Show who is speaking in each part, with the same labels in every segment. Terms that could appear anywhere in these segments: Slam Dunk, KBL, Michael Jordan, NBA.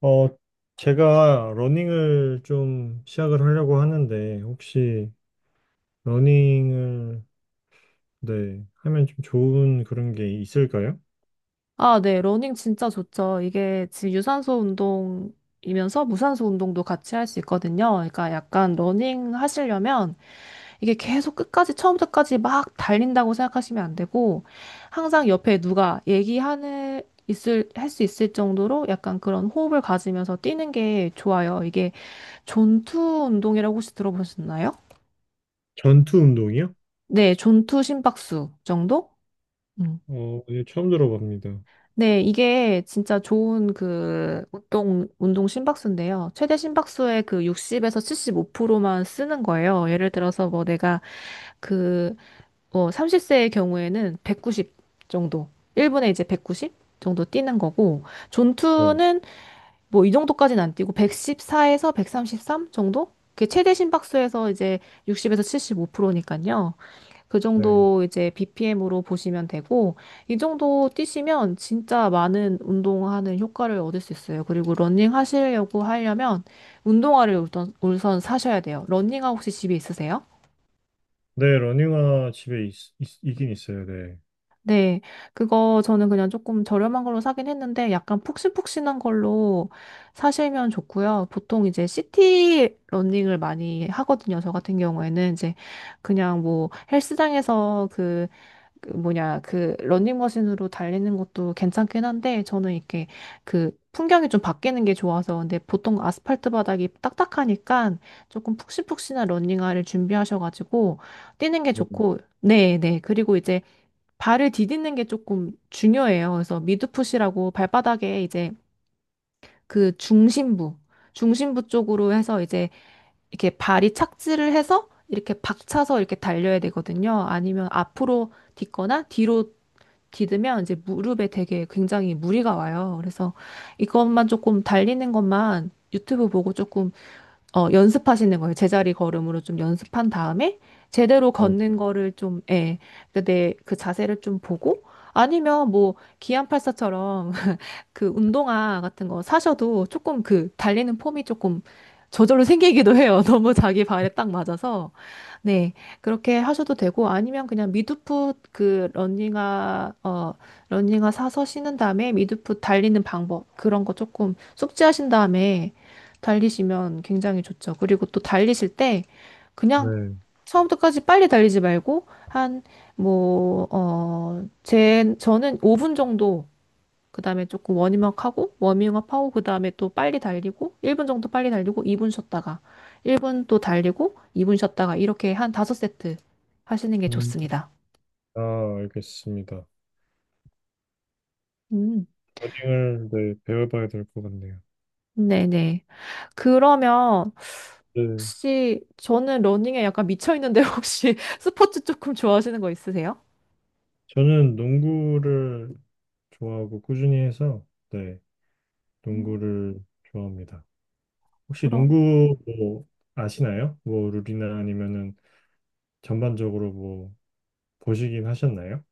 Speaker 1: 어, 제가 러닝을 좀 시작을 하려고 하는데, 혹시 러닝을, 네, 하면 좀 좋은 그런 게 있을까요?
Speaker 2: 아, 네. 러닝 진짜 좋죠. 이게 지금 유산소 운동이면서 무산소 운동도 같이 할 수 있거든요. 그러니까 약간 러닝 하시려면 이게 계속 끝까지 처음부터까지 막 달린다고 생각하시면 안 되고 항상 옆에 누가 얘기하는 있을 할 수 있을 정도로 약간 그런 호흡을 가지면서 뛰는 게 좋아요. 이게 존투 운동이라고 혹시 들어보셨나요?
Speaker 1: 전투 운동이요?
Speaker 2: 네, 존투 심박수 정도? 음.
Speaker 1: 예, 처음 들어봅니다.
Speaker 2: 네, 이게 진짜 좋은 그 운동 심박수인데요. 최대 심박수의 그 60에서 75%만 쓰는 거예요. 예를 들어서 뭐 내가 그, 뭐 30세의 경우에는 190 정도, 1분에 이제 190 정도 뛰는 거고,
Speaker 1: 네,
Speaker 2: 존투는 뭐 이 정도까지는 안 뛰고 114에서 133 정도? 그게 최대 심박수에서 이제 60에서 75%니까요. 그
Speaker 1: 네.
Speaker 2: 정도 이제 BPM으로 보시면 되고, 이 정도 뛰시면 진짜 많은 운동하는 효과를 얻을 수 있어요. 그리고 러닝 하시려고 하려면 운동화를 우선 사셔야 돼요. 러닝화 혹시 집에 있으세요?
Speaker 1: 네, 러닝화 집에 있긴 있어요, 네.
Speaker 2: 네, 그거 저는 그냥 조금 저렴한 걸로 사긴 했는데 약간 푹신푹신한 걸로 사시면 좋고요. 보통 이제 시티 러닝을 많이 하거든요. 저 같은 경우에는 이제 그냥 뭐 헬스장에서 그 뭐냐, 그 러닝머신으로 달리는 것도 괜찮긴 한데, 저는 이렇게 그 풍경이 좀 바뀌는 게 좋아서, 근데 보통 아스팔트 바닥이 딱딱하니까 조금 푹신푹신한 러닝화를 준비하셔가지고, 뛰는 게
Speaker 1: 네,
Speaker 2: 좋고, 네, 네. 그리고 이제 발을 디디는 게 조금 중요해요. 그래서 미드풋이라고 발바닥에 이제 그 중심부 쪽으로 해서 이제 이렇게 발이 착지를 해서 이렇게 박차서 이렇게 달려야 되거든요. 아니면 앞으로 딛거나 뒤로 디디면 이제 무릎에 되게 굉장히 무리가 와요. 그래서 이것만 조금 달리는 것만 유튜브 보고 조금 연습하시는 거예요. 제자리 걸음으로 좀 연습한 다음에 제대로
Speaker 1: 네.
Speaker 2: 걷는 거를 좀, 예, 내그 자세를 좀 보고 아니면 뭐 기안팔사처럼 그 운동화 같은 거 사셔도 조금 그 달리는 폼이 조금 저절로 생기기도 해요. 너무 자기 발에 딱 맞아서. 네, 그렇게 하셔도 되고 아니면 그냥 미드풋 그 러닝화 사서 신은 다음에 미드풋 달리는 방법 그런 거 조금 숙지하신 다음에 달리시면 굉장히 좋죠. 그리고 또 달리실 때 그냥
Speaker 1: 네.
Speaker 2: 처음부터까지 빨리 달리지 말고 한 뭐 어 제 저는 5분 정도 그다음에 조금 워밍업 하고 워밍업 하고 그다음에 또 빨리 달리고 1분 정도 빨리 달리고 2분 쉬었다가 1분 또 달리고 2분 쉬었다가 이렇게 한 5세트 하시는 게
Speaker 1: 음,
Speaker 2: 좋습니다.
Speaker 1: 아, 알겠습니다.
Speaker 2: 음.
Speaker 1: 러닝을, 네, 배워봐야 될 것 같네요.
Speaker 2: 네네. 그러면
Speaker 1: 네,
Speaker 2: 혹시 저는 러닝에 약간 미쳐 있는데 혹시 스포츠 조금 좋아하시는 거 있으세요?
Speaker 1: 저는 농구를 좋아하고 꾸준히 해서, 네,
Speaker 2: 음.
Speaker 1: 농구를 좋아합니다. 혹시
Speaker 2: 그럼
Speaker 1: 농구 뭐 아시나요? 뭐 룰이나 아니면은 전반적으로 뭐 보시긴 하셨나요?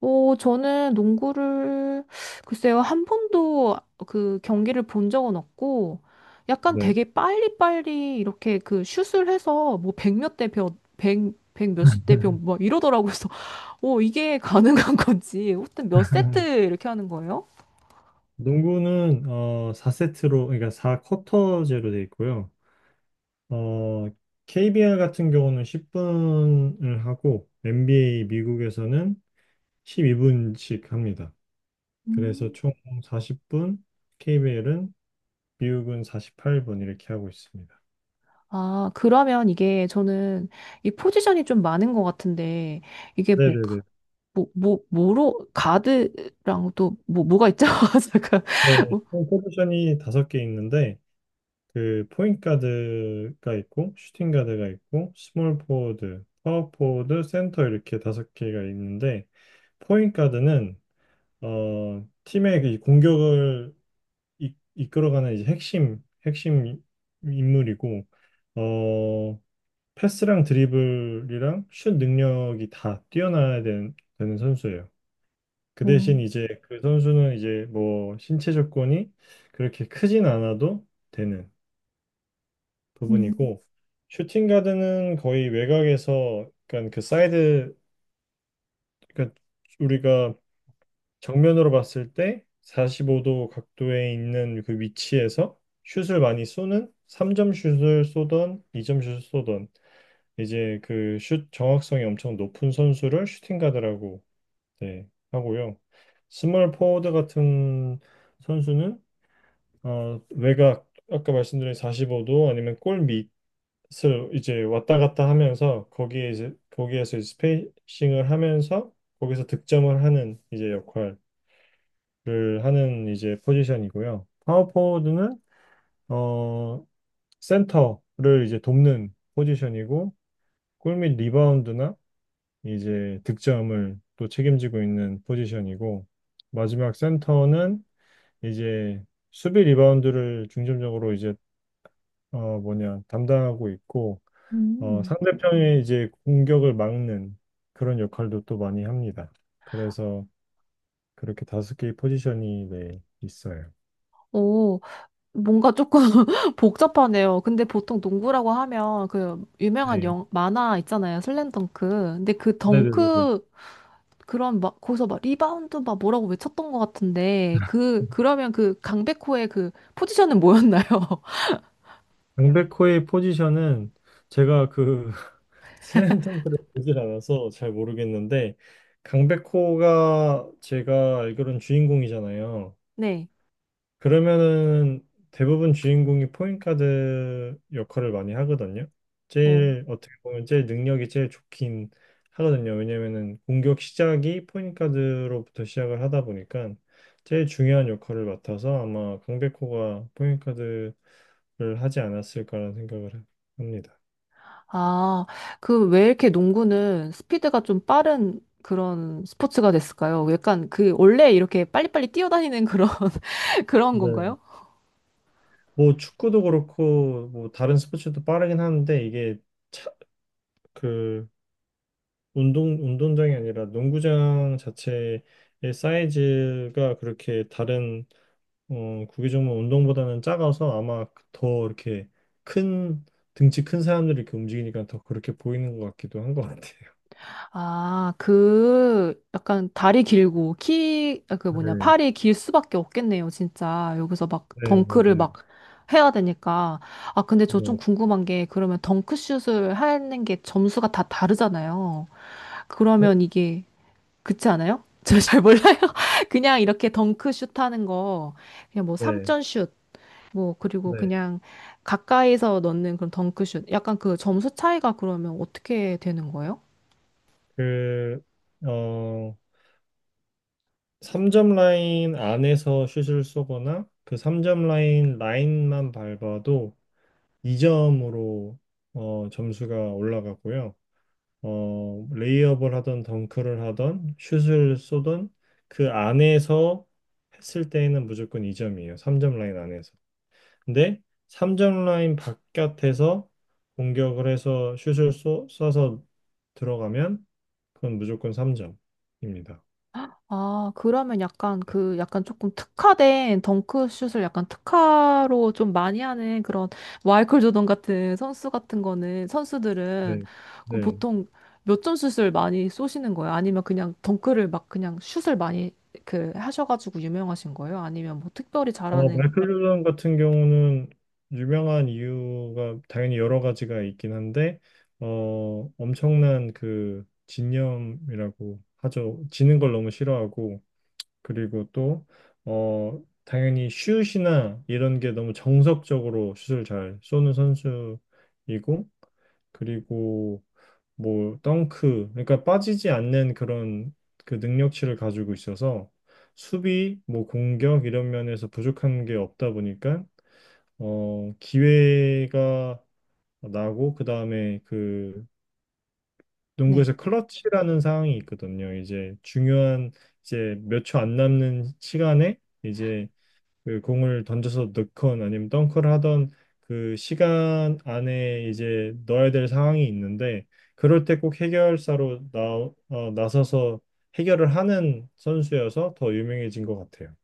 Speaker 2: 저는 농구를, 글쎄요, 한 번도 그 경기를 본 적은 없고, 약간
Speaker 1: 네.
Speaker 2: 되게 빨리빨리 이렇게 그 슛을 해서 뭐 백몇 대 몇, 백 몇십 대 몇, 막 이러더라고요. 그래서, 이게 가능한 건지, 하여튼 몇 세트 이렇게 하는 거예요?
Speaker 1: 농구는 4세트로 그러니까 4쿼터제로 돼 있고요. 어 KBL 같은 경우는 10분을 하고 NBA 미국에서는 12분씩 합니다. 그래서
Speaker 2: 음.
Speaker 1: 총 40분, KBL은 미국은 48분 이렇게 하고 있습니다.
Speaker 2: 아, 그러면 이게 저는 이 포지션이 좀 많은 것 같은데, 이게
Speaker 1: 네네네.
Speaker 2: 가드랑 또, 뭐가 있죠? 잠깐.
Speaker 1: 네, 총 포지션이 다섯 개 있는데 그 포인트 가드가 있고 슈팅 가드가 있고 스몰 포워드, 파워 포워드, 센터 이렇게 다섯 개가 있는데 포인트 가드는 팀의 그 이 공격을 이끌어가는 이제 핵심 인물이고 어 패스랑 드리블이랑 슛 능력이 다 뛰어나야 되는 선수예요. 그 대신
Speaker 2: 뭐,
Speaker 1: 이제 그 선수는 이제 뭐 신체 조건이 그렇게 크진 않아도 되는
Speaker 2: 음,
Speaker 1: 부분이고 슈팅 가드는 거의 외곽에서 약간 그 사이드 그러니까 우리가 정면으로 봤을 때 45도 각도에 있는 그 위치에서 슛을 많이 쏘는 3점 슛을 쏘던 2점 슛을 쏘던 이제 그 슛 정확성이 엄청 높은 선수를 슈팅 가드라고 네, 하고요. 스몰 포워드 같은 선수는 외곽 아까 말씀드린 45도 아니면 골밑 슬 이제 왔다 갔다 하면서 거기에 이제 거기에서 이제 스페이싱을 하면서 거기서 득점을 하는 이제 역할을 하는 이제 포지션이고요. 파워포워드는 어 센터를 이제 돕는 포지션이고 골 및 리바운드나 이제 득점을 또 책임지고 있는 포지션이고 마지막 센터는 이제 수비 리바운드를 중점적으로 이제 뭐냐 담당하고 있고
Speaker 2: 음.
Speaker 1: 상대편의 이제 공격을 막는 그런 역할도 또 많이 합니다. 그래서 그렇게 다섯 개의 포지션이 네, 있어요.
Speaker 2: 오, 뭔가 조금 복잡하네요. 근데 보통 농구라고 하면 그 유명한
Speaker 1: 네.
Speaker 2: 영, 만화 있잖아요. 슬램덩크. 근데 그
Speaker 1: 네네네네.
Speaker 2: 덩크 그런 막 거기서 막 리바운드 막 뭐라고 외쳤던 것 같은데 그 그러면 그 강백호의 그 포지션은 뭐였나요?
Speaker 1: 강백호의 포지션은 제가 그 슬램덩크를 보질 않아서 잘 모르겠는데 강백호가 제가 알기로는 주인공이잖아요.
Speaker 2: 네.
Speaker 1: 그러면은 대부분 주인공이 포인트가드 역할을 많이 하거든요.
Speaker 2: 어.
Speaker 1: 제일 어떻게 보면 제일 능력이 제일 좋긴 하거든요. 왜냐면은 공격 시작이 포인트가드로부터 시작을 하다 보니까 제일 중요한 역할을 맡아서 아마 강백호가 포인트가드를 하지 않았을까라는 생각을 합니다.
Speaker 2: 아, 그 왜 이렇게 농구는 스피드가 좀 빠른 그런 스포츠가 됐을까요? 약간 그 원래 이렇게 빨리빨리 뛰어다니는 그런 그런
Speaker 1: 네.
Speaker 2: 건가요?
Speaker 1: 뭐 축구도 그렇고 뭐 다른 스포츠도 빠르긴 하는데 이게 차, 그 운동장이 아니라 농구장 자체의 사이즈가 그렇게 다른 구기 종목 운동보다는 작아서 아마 더 이렇게 큰 등치 큰 사람들이 이렇게 움직이니까 더 그렇게 보이는 것 같기도 한 것 같아요.
Speaker 2: 아, 그, 약간 다리 길고, 키, 아, 그 뭐냐,
Speaker 1: 네,
Speaker 2: 팔이 길 수밖에 없겠네요, 진짜. 여기서 막
Speaker 1: 네,
Speaker 2: 덩크를
Speaker 1: 맞아요.
Speaker 2: 막 해야 되니까. 아, 근데 저 좀
Speaker 1: 네,
Speaker 2: 궁금한 게, 그러면 덩크슛을 하는 게 점수가 다 다르잖아요.
Speaker 1: 어?
Speaker 2: 그러면 이게, 그렇지 않아요? 저 잘 몰라요. 그냥 이렇게 덩크슛 하는 거, 그냥 뭐
Speaker 1: 네,
Speaker 2: 3점슛, 뭐, 그리고
Speaker 1: 네.
Speaker 2: 그냥 가까이서 넣는 그런 덩크슛. 약간 그 점수 차이가 그러면 어떻게 되는 거예요?
Speaker 1: 그, 어, 3점 라인 안에서 슛을 쏘거나 그 3점 라인만 밟아도 2점으로 점수가 올라가고요. 레이업을 하던 덩크를 하던 슛을 쏘던 그 안에서 했을 때에는 무조건 2점이에요. 3점 라인 안에서. 근데 3점 라인 바깥에서 공격을 해서 슛을 쏴서 들어가면 그건 무조건 3점입니다.
Speaker 2: 아, 그러면 약간 그 약간 조금 특화된 덩크슛을 약간 특화로 좀 많이 하는 그런 마이클 조던 같은 선수 같은 거는 선수들은
Speaker 1: 네.
Speaker 2: 그럼
Speaker 1: 네.
Speaker 2: 보통 몇 점 슛을 많이 쏘시는 거예요? 아니면 그냥 덩크를 막 그냥 슛을 많이 그 하셔가지고 유명하신 거예요? 아니면 뭐 특별히 잘하는
Speaker 1: 마이클 JO 같은 경우는 유명한 이유가 당연히 여러 가지가 있긴 한데, 엄청난 그 집념이라고 하죠. 지는 걸 너무 싫어하고, 그리고 또, 당연히 슛이나 이런 게 너무 정석적으로 슛을 잘 쏘는 선수이고, 그리고 뭐 덩크 그러니까 빠지지 않는 그런 그 능력치를 가지고 있어서 수비 뭐 공격 이런 면에서 부족한 게 없다 보니까 기회가 나고 그다음에 그
Speaker 2: 네.
Speaker 1: 농구에서 클러치라는 상황이 있거든요. 이제 중요한 이제 몇 초 안 남는 시간에 이제 그 공을 던져서 넣건 아니면 덩크를 하던 그 시간 안에 이제 넣어야 될 상황이 있는데 그럴 때 꼭 해결사로 나서서 해결을 하는 선수여서 더 유명해진 것 같아요.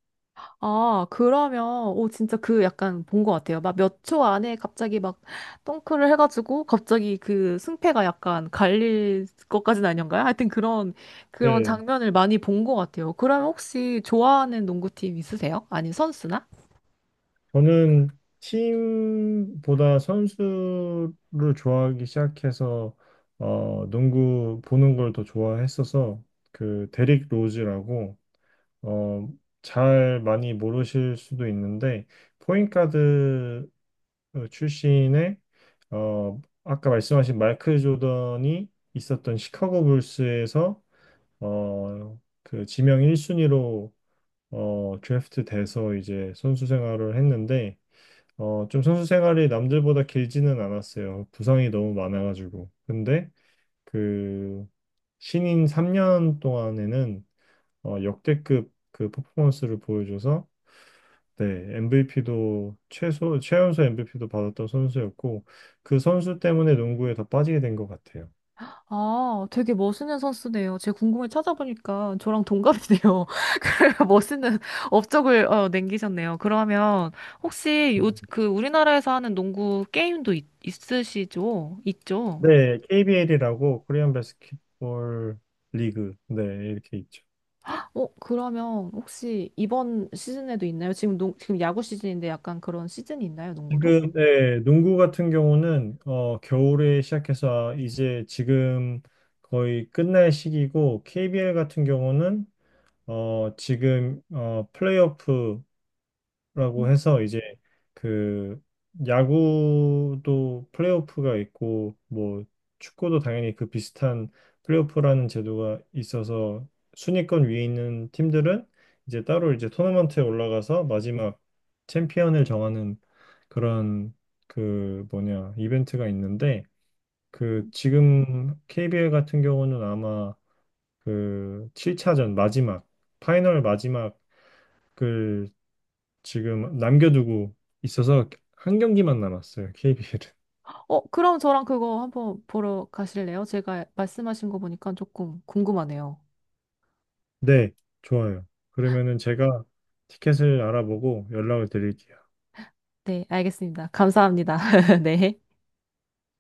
Speaker 2: 아, 그러면, 오, 진짜 그 약간 본 것 같아요. 막 몇 초 안에 갑자기 막 덩크를 해가지고 갑자기 그 승패가 약간 갈릴 것까지는 아닌가요? 하여튼 그런, 그런
Speaker 1: 네,
Speaker 2: 장면을 많이 본 것 같아요. 그럼 혹시 좋아하는 농구팀 있으세요? 아니, 선수나?
Speaker 1: 저는 팀보다 선수를 좋아하기 시작해서 농구 보는 걸 더 좋아했어서 그 데릭 로즈라고 어, 잘 많이 모르실 수도 있는데 포인트가드 출신의 아까 말씀하신 마이클 조던이 있었던 시카고 불스에서 그 지명 1순위로 드래프트 돼서 이제 선수 생활을 했는데 좀 선수 생활이 남들보다 길지는 않았어요. 부상이 너무 많아가지고. 근데 그 신인 3년 동안에는 역대급 그 퍼포먼스를 보여줘서 네, MVP도 최소 최연소 MVP도 받았던 선수였고 그 선수 때문에 농구에 더 빠지게 된 것 같아요.
Speaker 2: 아, 되게 멋있는 선수네요. 제가 궁금해 찾아보니까 저랑 동갑이네요. 그래서 멋있는 업적을 남기셨네요. 그러면 혹시 요, 그 우리나라에서 하는 농구 게임도 있으시죠? 있죠?
Speaker 1: 네, KBL이라고 코리안 바스켓볼 리그 네 이렇게 있죠.
Speaker 2: 어, 그러면 혹시 이번 시즌에도 있나요? 지금 지금 야구 시즌인데 약간 그런 시즌이 있나요, 농구도?
Speaker 1: 지금 네, 농구 같은 경우는 겨울에 시작해서 이제 지금 거의 끝날 시기고 KBL 같은 경우는 지금 플레이오프 라고
Speaker 2: 음.
Speaker 1: 해서 이제 그 야구도 플레이오프가 있고 뭐 축구도 당연히 그 비슷한 플레이오프라는 제도가 있어서 순위권 위에 있는 팀들은 이제 따로 이제 토너먼트에 올라가서 마지막 챔피언을 정하는 그런 그 뭐냐 이벤트가 있는데 그 지금 KBL 같은 경우는 아마 그 7차전 마지막 파이널 마지막을 지금 남겨두고 있어서 한 경기만 남았어요, KBL은.
Speaker 2: 어, 그럼 저랑 그거 한번 보러 가실래요? 제가 말씀하신 거 보니까 조금 궁금하네요.
Speaker 1: 네, 좋아요. 그러면은 제가 티켓을 알아보고 연락을 드릴게요.
Speaker 2: 네, 알겠습니다. 감사합니다. 네.